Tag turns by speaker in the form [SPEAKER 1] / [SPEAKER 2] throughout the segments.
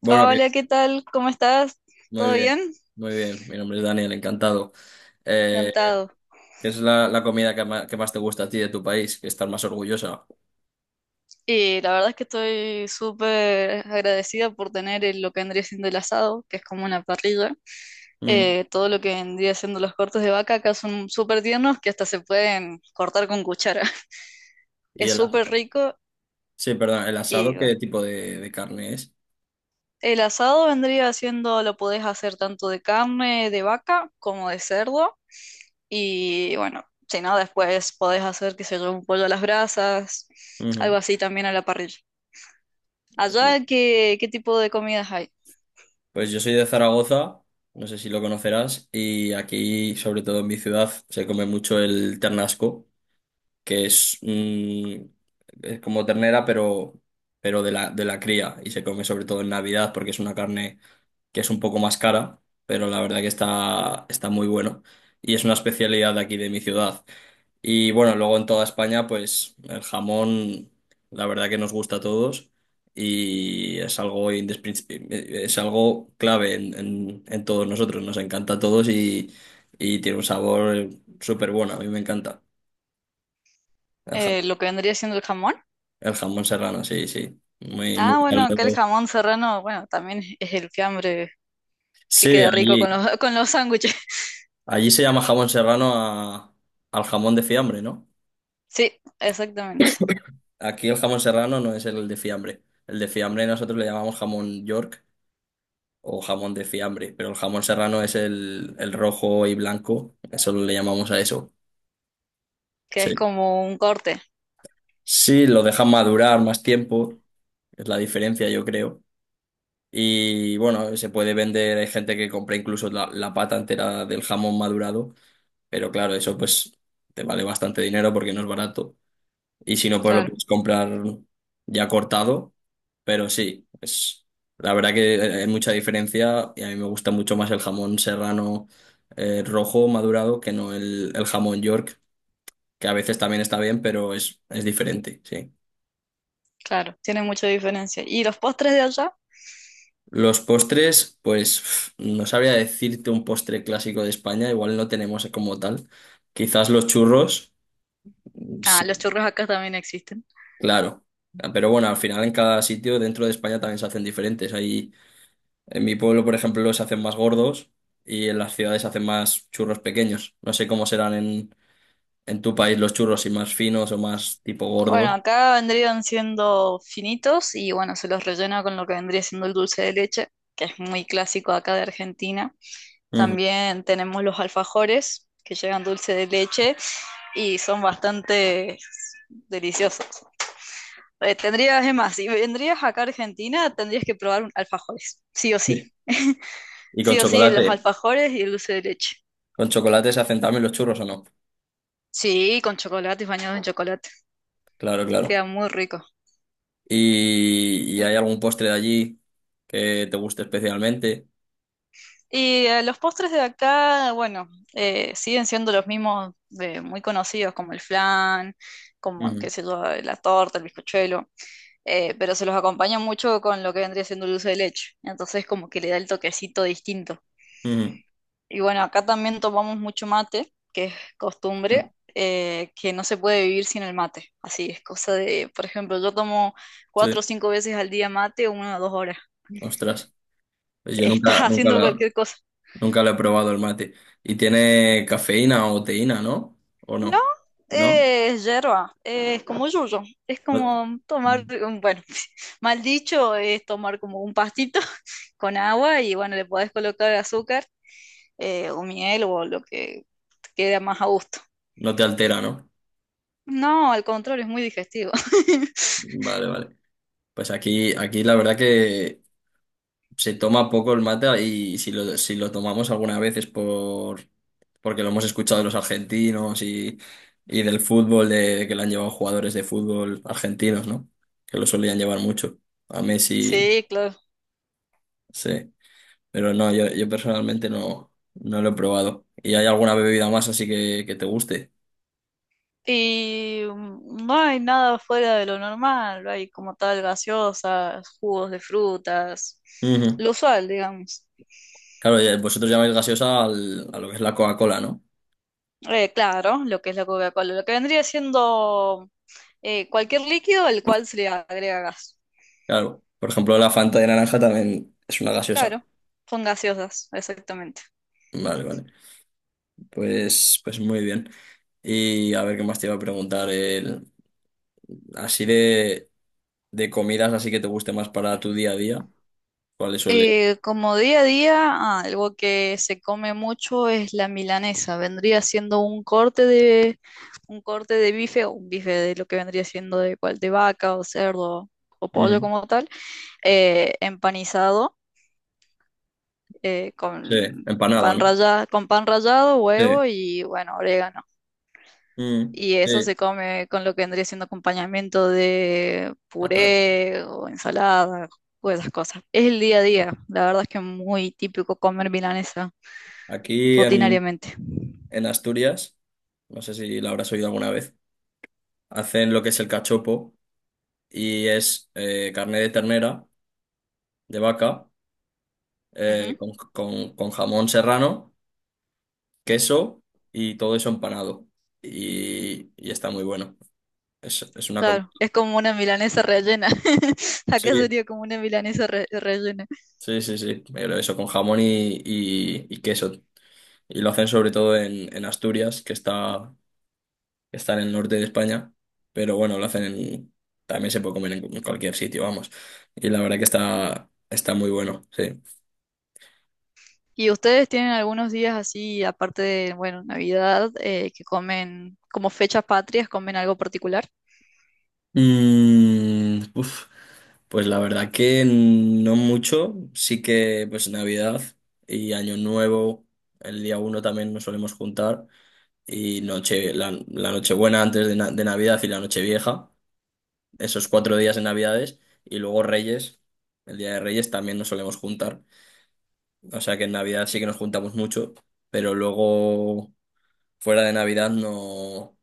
[SPEAKER 1] Bueno,
[SPEAKER 2] Hola, ¿qué tal? ¿Cómo estás?
[SPEAKER 1] muy
[SPEAKER 2] ¿Todo
[SPEAKER 1] bien,
[SPEAKER 2] bien?
[SPEAKER 1] muy bien. Mi nombre es Daniel, encantado. Eh,
[SPEAKER 2] Encantado.
[SPEAKER 1] ¿Qué es la comida que más te gusta a ti de tu país? Que estás más orgullosa.
[SPEAKER 2] Y la verdad es que estoy súper agradecida por tener lo que vendría siendo el asado, que es como una parrilla.
[SPEAKER 1] Mm.
[SPEAKER 2] Todo lo que vendría siendo los cortes de vaca acá son súper tiernos que hasta se pueden cortar con cuchara.
[SPEAKER 1] Y
[SPEAKER 2] Es
[SPEAKER 1] el, as-
[SPEAKER 2] súper rico
[SPEAKER 1] sí, perdón, el
[SPEAKER 2] y
[SPEAKER 1] asado,
[SPEAKER 2] bueno.
[SPEAKER 1] ¿qué tipo de carne es?
[SPEAKER 2] El asado vendría siendo, lo podés hacer tanto de carne de vaca como de cerdo. Y bueno, si no, después podés hacer, qué sé yo, un pollo a las brasas, algo
[SPEAKER 1] Ujú.
[SPEAKER 2] así también a la parrilla.
[SPEAKER 1] Y-
[SPEAKER 2] Allá, ¿qué, qué tipo de comidas hay?
[SPEAKER 1] pues yo soy de Zaragoza, no sé si lo conocerás, y aquí, sobre todo en mi ciudad, se come mucho el ternasco, que es, es como ternera, pero, pero de la cría, y se come sobre todo en Navidad porque es una carne que es un poco más cara, pero la verdad que está muy bueno. Y es una especialidad de aquí de mi ciudad. Y bueno, luego en toda España, pues el jamón, la verdad que nos gusta a todos y es algo, es algo clave en todos nosotros. Nos encanta a todos y tiene un sabor súper bueno. A mí me encanta el jamón,
[SPEAKER 2] Lo que vendría siendo el jamón.
[SPEAKER 1] el jamón serrano, sí, sí. Muy, muy
[SPEAKER 2] Ah, bueno, acá el
[SPEAKER 1] salado.
[SPEAKER 2] jamón serrano, bueno, también es el fiambre que
[SPEAKER 1] Sí,
[SPEAKER 2] queda rico con
[SPEAKER 1] allí.
[SPEAKER 2] los, con los sándwiches.
[SPEAKER 1] Allí se llama jamón serrano al jamón de fiambre, ¿no?
[SPEAKER 2] Sí, exactamente.
[SPEAKER 1] Aquí el jamón serrano no es el de fiambre. El de fiambre nosotros le llamamos jamón York o jamón de fiambre, pero el jamón serrano es el rojo y blanco, eso le llamamos a eso.
[SPEAKER 2] Que
[SPEAKER 1] Sí.
[SPEAKER 2] es como un corte.
[SPEAKER 1] Sí, lo dejan madurar más tiempo, es la diferencia yo creo. Y bueno, se puede vender, hay gente que compra incluso la pata entera del jamón madurado, pero claro, eso pues te vale bastante dinero porque no es barato. Y si no, pues lo
[SPEAKER 2] Claro,
[SPEAKER 1] puedes comprar ya cortado. Pero sí, es la verdad que hay mucha diferencia y a mí me gusta mucho más el jamón serrano, rojo madurado que no el jamón York, que a veces también está bien, pero es diferente, sí.
[SPEAKER 2] claro. Tiene mucha diferencia. ¿Y los postres de allá?
[SPEAKER 1] Los postres, pues no sabría decirte un postre clásico de España, igual no tenemos como tal. Quizás los churros,
[SPEAKER 2] Ah, los
[SPEAKER 1] sí,
[SPEAKER 2] churros acá también existen.
[SPEAKER 1] claro. Pero bueno, al final en cada sitio dentro de España también se hacen diferentes. Hay En mi pueblo, por ejemplo, los hacen más gordos y en las ciudades hacen más churros pequeños. No sé cómo serán en tu país los churros, si más finos o más tipo
[SPEAKER 2] Bueno,
[SPEAKER 1] gordos.
[SPEAKER 2] acá vendrían siendo finitos y bueno, se los rellena con lo que vendría siendo el dulce de leche, que es muy clásico acá de Argentina.
[SPEAKER 1] Ujú.
[SPEAKER 2] También tenemos los alfajores que llevan dulce de leche y son bastante deliciosos. Tendrías, es más, si vendrías acá a Argentina, tendrías que probar alfajores, sí o sí.
[SPEAKER 1] Sí. Y con
[SPEAKER 2] Sí o sí, los
[SPEAKER 1] chocolate.
[SPEAKER 2] alfajores y el dulce de leche.
[SPEAKER 1] ¿Con chocolate se hacen también los churros o no?
[SPEAKER 2] Sí, con chocolate y bañados en chocolate.
[SPEAKER 1] Claro, claro.
[SPEAKER 2] Queda muy rico.
[SPEAKER 1] ¿Y hay algún postre de allí que te guste especialmente?
[SPEAKER 2] Y los postres de acá, bueno, siguen siendo los mismos de- muy conocidos, como el flan, como, qué
[SPEAKER 1] Ujú,
[SPEAKER 2] sé yo, la torta, el bizcochuelo. Eh, pero se los acompaña mucho con lo que vendría siendo el dulce de leche. Entonces como que le da el toquecito distinto. Y bueno, acá también tomamos mucho mate, que es
[SPEAKER 1] ujú.
[SPEAKER 2] costumbre, que no se puede vivir sin el mate. Así es cosa de, por ejemplo, yo tomo
[SPEAKER 1] Sí,
[SPEAKER 2] cuatro o cinco veces al día mate, 1 o 2 horas.
[SPEAKER 1] ostras. Pues yo
[SPEAKER 2] Estás haciendo cualquier cosa.
[SPEAKER 1] nunca lo he probado el mate. ¿Y tiene cafeína o teína, no? ¿O
[SPEAKER 2] No,
[SPEAKER 1] no? ¿No?
[SPEAKER 2] es hierba, es como yuyo, es como tomar,
[SPEAKER 1] No.
[SPEAKER 2] un- bueno, mal dicho, es tomar como un pastito con agua y bueno, le podés colocar azúcar o miel o lo que te quede más a gusto.
[SPEAKER 1] No te altera, ¿no?
[SPEAKER 2] No, al contrario, es muy digestivo.
[SPEAKER 1] Vale, vale. Pues aquí la verdad que se toma poco el mate y si lo tomamos alguna vez es porque lo hemos escuchado de los argentinos y del fútbol, de que lo han llevado jugadores de fútbol argentinos, ¿no? Que lo solían llevar mucho. A Messi,
[SPEAKER 2] Sí, claro.
[SPEAKER 1] sí. Pero no, yo personalmente no lo he probado. ¿Y hay alguna bebida más así que te guste?
[SPEAKER 2] Y no hay nada fuera de lo normal, hay como tal gaseosas, jugos de frutas,
[SPEAKER 1] Ujú.
[SPEAKER 2] lo usual, digamos.
[SPEAKER 1] Claro, vosotros llamáis gaseosa a lo que es la Coca-Cola, ¿no?
[SPEAKER 2] Claro, lo que es la Coca-Cola, lo que vendría siendo cualquier líquido al cual se le agrega gas.
[SPEAKER 1] Claro, por ejemplo, la Fanta de naranja también es una gaseosa.
[SPEAKER 2] Claro, son gaseosas, exactamente.
[SPEAKER 1] Vale, vale. Pues muy bien. Y a ver qué más te iba a preguntar, así de comidas, así que te guste más para tu día a día. ¿Cuáles suele?
[SPEAKER 2] Como día a día, algo que se come mucho es la milanesa. Vendría siendo un corte de bife o un bife de lo que vendría siendo de cual de vaca o cerdo o pollo
[SPEAKER 1] Ujú.
[SPEAKER 2] como tal, empanizado eh,
[SPEAKER 1] Sí,
[SPEAKER 2] con
[SPEAKER 1] empanada,
[SPEAKER 2] pan
[SPEAKER 1] ¿no?
[SPEAKER 2] rallado, con pan rallado,
[SPEAKER 1] Sí.
[SPEAKER 2] huevo y bueno, orégano.
[SPEAKER 1] Mm,
[SPEAKER 2] Y eso se
[SPEAKER 1] sí,
[SPEAKER 2] come con lo que vendría siendo acompañamiento de
[SPEAKER 1] patata.
[SPEAKER 2] puré o ensalada o esas cosas. Es el día a día. La verdad es que es muy típico comer milanesa
[SPEAKER 1] Aquí
[SPEAKER 2] rutinariamente.
[SPEAKER 1] en Asturias, no sé si la habrás oído alguna vez, hacen lo que es el cachopo y es carne de ternera, de vaca,
[SPEAKER 2] Ujú.
[SPEAKER 1] con jamón serrano, queso y todo eso empanado. Y está muy bueno. Es una comida.
[SPEAKER 2] Claro, es como una milanesa rellena. Acá
[SPEAKER 1] Sí,
[SPEAKER 2] sería como una milanesa re- rellena.
[SPEAKER 1] sí, sí, sí. Pero eso con jamón y queso. Y lo hacen sobre todo en Asturias, que está en el norte de España. Pero bueno, lo hacen también se puede comer en cualquier sitio, vamos. Y la verdad que está muy bueno, sí.
[SPEAKER 2] ¿Y ustedes tienen algunos días así, aparte de, bueno, Navidad, que comen como fechas patrias, comen algo particular?
[SPEAKER 1] Mm, uf. Pues la verdad que no mucho, sí que pues Navidad y Año Nuevo, el día 1 también nos solemos juntar y noche, la Nochebuena antes de Navidad y la Nochevieja, esos 4 días de Navidades y luego Reyes, el día de Reyes también nos solemos juntar, o sea que en Navidad sí que nos juntamos mucho, pero luego fuera de Navidad no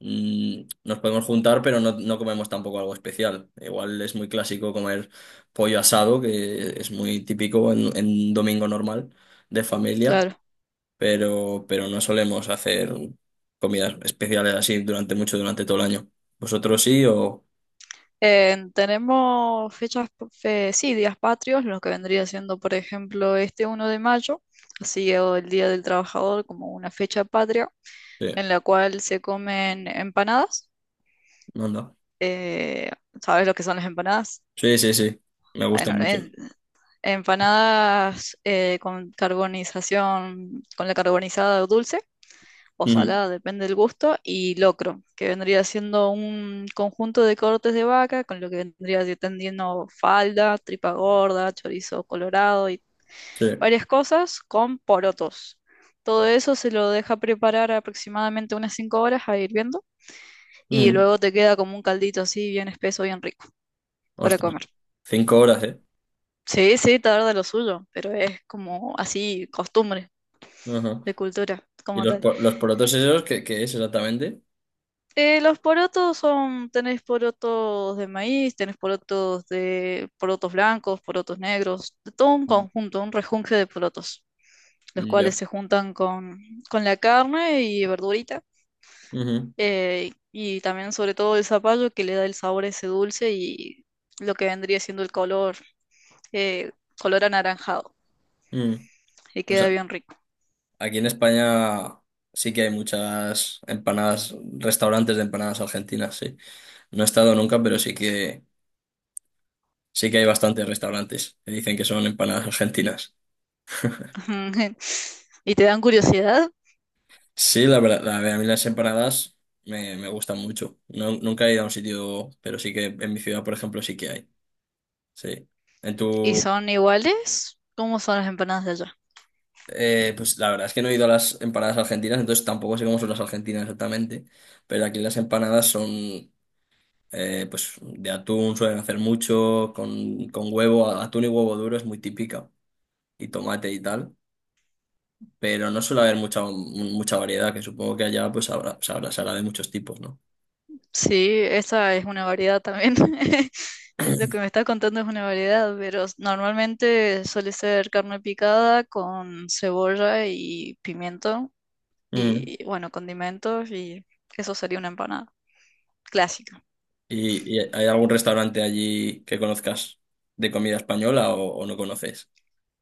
[SPEAKER 1] nos podemos juntar, pero no comemos tampoco algo especial. Igual es muy clásico comer pollo asado, que es muy típico en un domingo normal de familia,
[SPEAKER 2] Claro.
[SPEAKER 1] pero no solemos hacer comidas especiales así durante mucho, durante todo el año. ¿Vosotros sí o...?
[SPEAKER 2] Tenemos sí, días patrios, lo que vendría siendo, por ejemplo, este 1 de mayo, así o el Día del Trabajador como una fecha patria,
[SPEAKER 1] Sí,
[SPEAKER 2] en la cual se comen empanadas.
[SPEAKER 1] anda.
[SPEAKER 2] Eh, ¿Sabes lo que son las empanadas?
[SPEAKER 1] Sí, sí, sí. Me gusta
[SPEAKER 2] Bueno,
[SPEAKER 1] mucho.
[SPEAKER 2] en- Empanadas con carbonización, con la carbonizada dulce o
[SPEAKER 1] Ujú,
[SPEAKER 2] salada, depende del gusto, y locro, que vendría siendo un conjunto de cortes de vaca, con lo que vendría si tendiendo falda, tripa gorda, chorizo colorado y
[SPEAKER 1] sí.
[SPEAKER 2] varias cosas con porotos. Todo eso se lo deja preparar aproximadamente unas 5 horas a hirviendo y
[SPEAKER 1] Ujú.
[SPEAKER 2] luego te queda como un caldito así bien espeso, bien rico para
[SPEAKER 1] Ostras.
[SPEAKER 2] comer.
[SPEAKER 1] 5 horas, ¿eh?
[SPEAKER 2] Sí, sí, tarda lo suyo, pero es como así costumbre
[SPEAKER 1] Ajá.
[SPEAKER 2] de cultura
[SPEAKER 1] ¿Y
[SPEAKER 2] como tal.
[SPEAKER 1] los porotos esos, qué es exactamente?
[SPEAKER 2] Los porotos son, tenés porotos de maíz, tenés porotos de porotos blancos, porotos negros, de todo un conjunto, un rejunje de porotos, los
[SPEAKER 1] Ya.
[SPEAKER 2] cuales se juntan con la carne y verdurita,
[SPEAKER 1] Ujú,
[SPEAKER 2] y también sobre todo el zapallo que le da el sabor ese dulce y lo que vendría siendo el color, eh, color anaranjado,
[SPEAKER 1] ujú.
[SPEAKER 2] y
[SPEAKER 1] O
[SPEAKER 2] queda
[SPEAKER 1] sea,
[SPEAKER 2] bien rico.
[SPEAKER 1] aquí en España sí que hay muchas empanadas, restaurantes de empanadas argentinas, sí. No he estado nunca, pero sí que hay bastantes restaurantes que dicen que son empanadas argentinas.
[SPEAKER 2] ¿Y te dan curiosidad?
[SPEAKER 1] Sí, la verdad, a mí las empanadas me gustan mucho. No, nunca he ido a un sitio, pero sí que en mi ciudad, por ejemplo, sí que hay. Sí. En
[SPEAKER 2] ¿Y
[SPEAKER 1] tu
[SPEAKER 2] son iguales? ¿Cómo son las empanadas de allá?
[SPEAKER 1] Pues la verdad es que no he ido a las empanadas argentinas, entonces tampoco sé cómo son las argentinas exactamente. Pero aquí las empanadas son. Pues de atún suelen hacer mucho, con huevo, atún y huevo duro es muy típica, y tomate y tal, pero no suele haber mucha, mucha variedad, que supongo que allá pues se hará de muchos tipos, ¿no?
[SPEAKER 2] Sí, esa es una variedad también. Lo que me está contando es una variedad, pero s- normalmente suele ser carne picada con cebolla y pimiento
[SPEAKER 1] Mm.
[SPEAKER 2] y, bueno, condimentos y eso sería una empanada clásica.
[SPEAKER 1] ¿Y hay algún restaurante allí que conozcas de comida española o no conoces?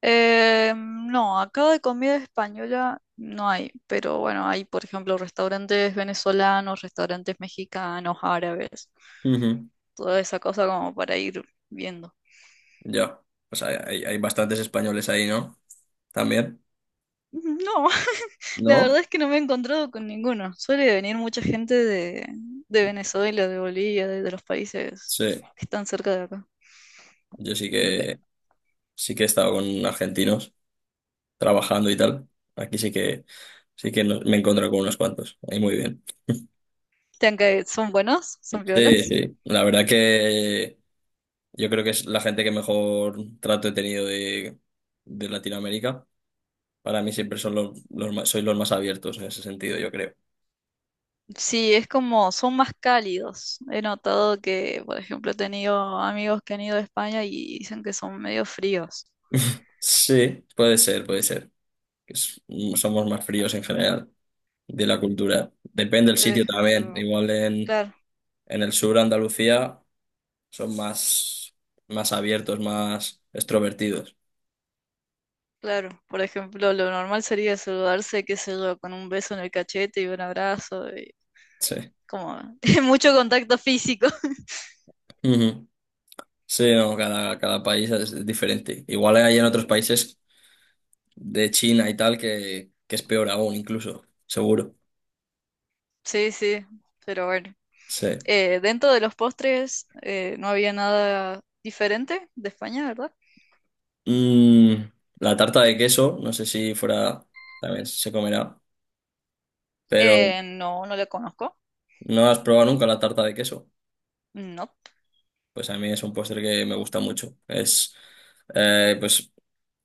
[SPEAKER 2] No, acá de comida española no hay, pero bueno, hay, por ejemplo, restaurantes venezolanos, restaurantes mexicanos, árabes,
[SPEAKER 1] Ujú.
[SPEAKER 2] toda esa cosa como para ir viendo.
[SPEAKER 1] Ya, pues hay bastantes españoles ahí, ¿no? También,
[SPEAKER 2] No, la
[SPEAKER 1] ¿no?
[SPEAKER 2] verdad es que no me he encontrado con ninguno. Suele venir mucha gente de Venezuela, de Bolivia, de los países
[SPEAKER 1] Sí,
[SPEAKER 2] que están cerca de acá.
[SPEAKER 1] yo sí
[SPEAKER 2] Ve,
[SPEAKER 1] que, sí que he estado con argentinos, trabajando y tal. Aquí sí que me he encontrado con unos cuantos. Ahí muy bien.
[SPEAKER 2] ¿Son buenos? ¿Son
[SPEAKER 1] Sí,
[SPEAKER 2] violas?
[SPEAKER 1] sí. La verdad que yo creo que es la gente que mejor trato he tenido de Latinoamérica. Para mí siempre son los más, soy los más abiertos en ese sentido, yo creo.
[SPEAKER 2] Sí, es como, son más cálidos. He notado que, por ejemplo, he tenido amigos que han ido a España y dicen que son medio fríos.
[SPEAKER 1] Sí, puede ser, puede ser. Es- Somos más fríos en general de la cultura. Depende del
[SPEAKER 2] Por
[SPEAKER 1] sitio también.
[SPEAKER 2] ejemplo,
[SPEAKER 1] Igual
[SPEAKER 2] claro,
[SPEAKER 1] en el sur, Andalucía, son más abiertos, más extrovertidos.
[SPEAKER 2] claro. Por ejemplo, lo normal sería saludarse, qué sé yo, con un beso en el cachete y un abrazo, y
[SPEAKER 1] Sí.
[SPEAKER 2] como mucho contacto físico.
[SPEAKER 1] Ujú. Sí, no, cada país es diferente. Igual hay en otros países de China y tal que es peor aún, incluso, seguro.
[SPEAKER 2] Sí, sí, pero bueno.
[SPEAKER 1] Sí.
[SPEAKER 2] Dentro de los postres no había nada diferente de España, ¿verdad?
[SPEAKER 1] Mm, la tarta de queso, no sé si fuera, también se comerá, pero
[SPEAKER 2] No, no la conozco.
[SPEAKER 1] ¿no has probado nunca la tarta de queso?
[SPEAKER 2] No.
[SPEAKER 1] Pues a mí es un postre que me gusta mucho. Es, pues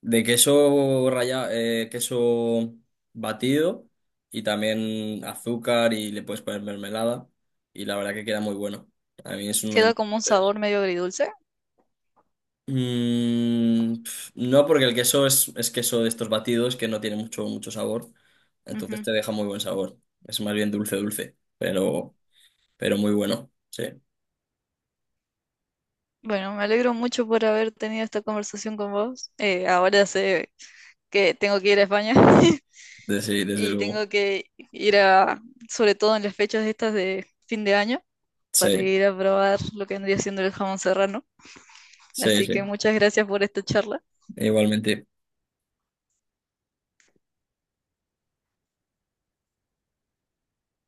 [SPEAKER 1] de queso rallado, queso batido y también azúcar y le puedes poner mermelada y la verdad que queda muy bueno. A mí es uno de
[SPEAKER 2] Queda
[SPEAKER 1] mis
[SPEAKER 2] como un
[SPEAKER 1] favoritos.
[SPEAKER 2] sabor medio agridulce.
[SPEAKER 1] No, porque el queso es queso de estos batidos que no tiene mucho, mucho sabor, entonces
[SPEAKER 2] Ujú.
[SPEAKER 1] te deja muy buen sabor. Es más bien dulce, dulce, pero muy bueno, sí,
[SPEAKER 2] Bueno, me alegro mucho por haber tenido esta conversación con vos. Ahora sé que tengo que ir a España
[SPEAKER 1] desde
[SPEAKER 2] y
[SPEAKER 1] luego.
[SPEAKER 2] tengo que ir a, sobre todo en las fechas estas de fin de año, para
[SPEAKER 1] Sí,
[SPEAKER 2] ir a probar lo que vendría siendo el jamón serrano.
[SPEAKER 1] sí,
[SPEAKER 2] Así que
[SPEAKER 1] sí,
[SPEAKER 2] muchas gracias por esta charla.
[SPEAKER 1] igualmente.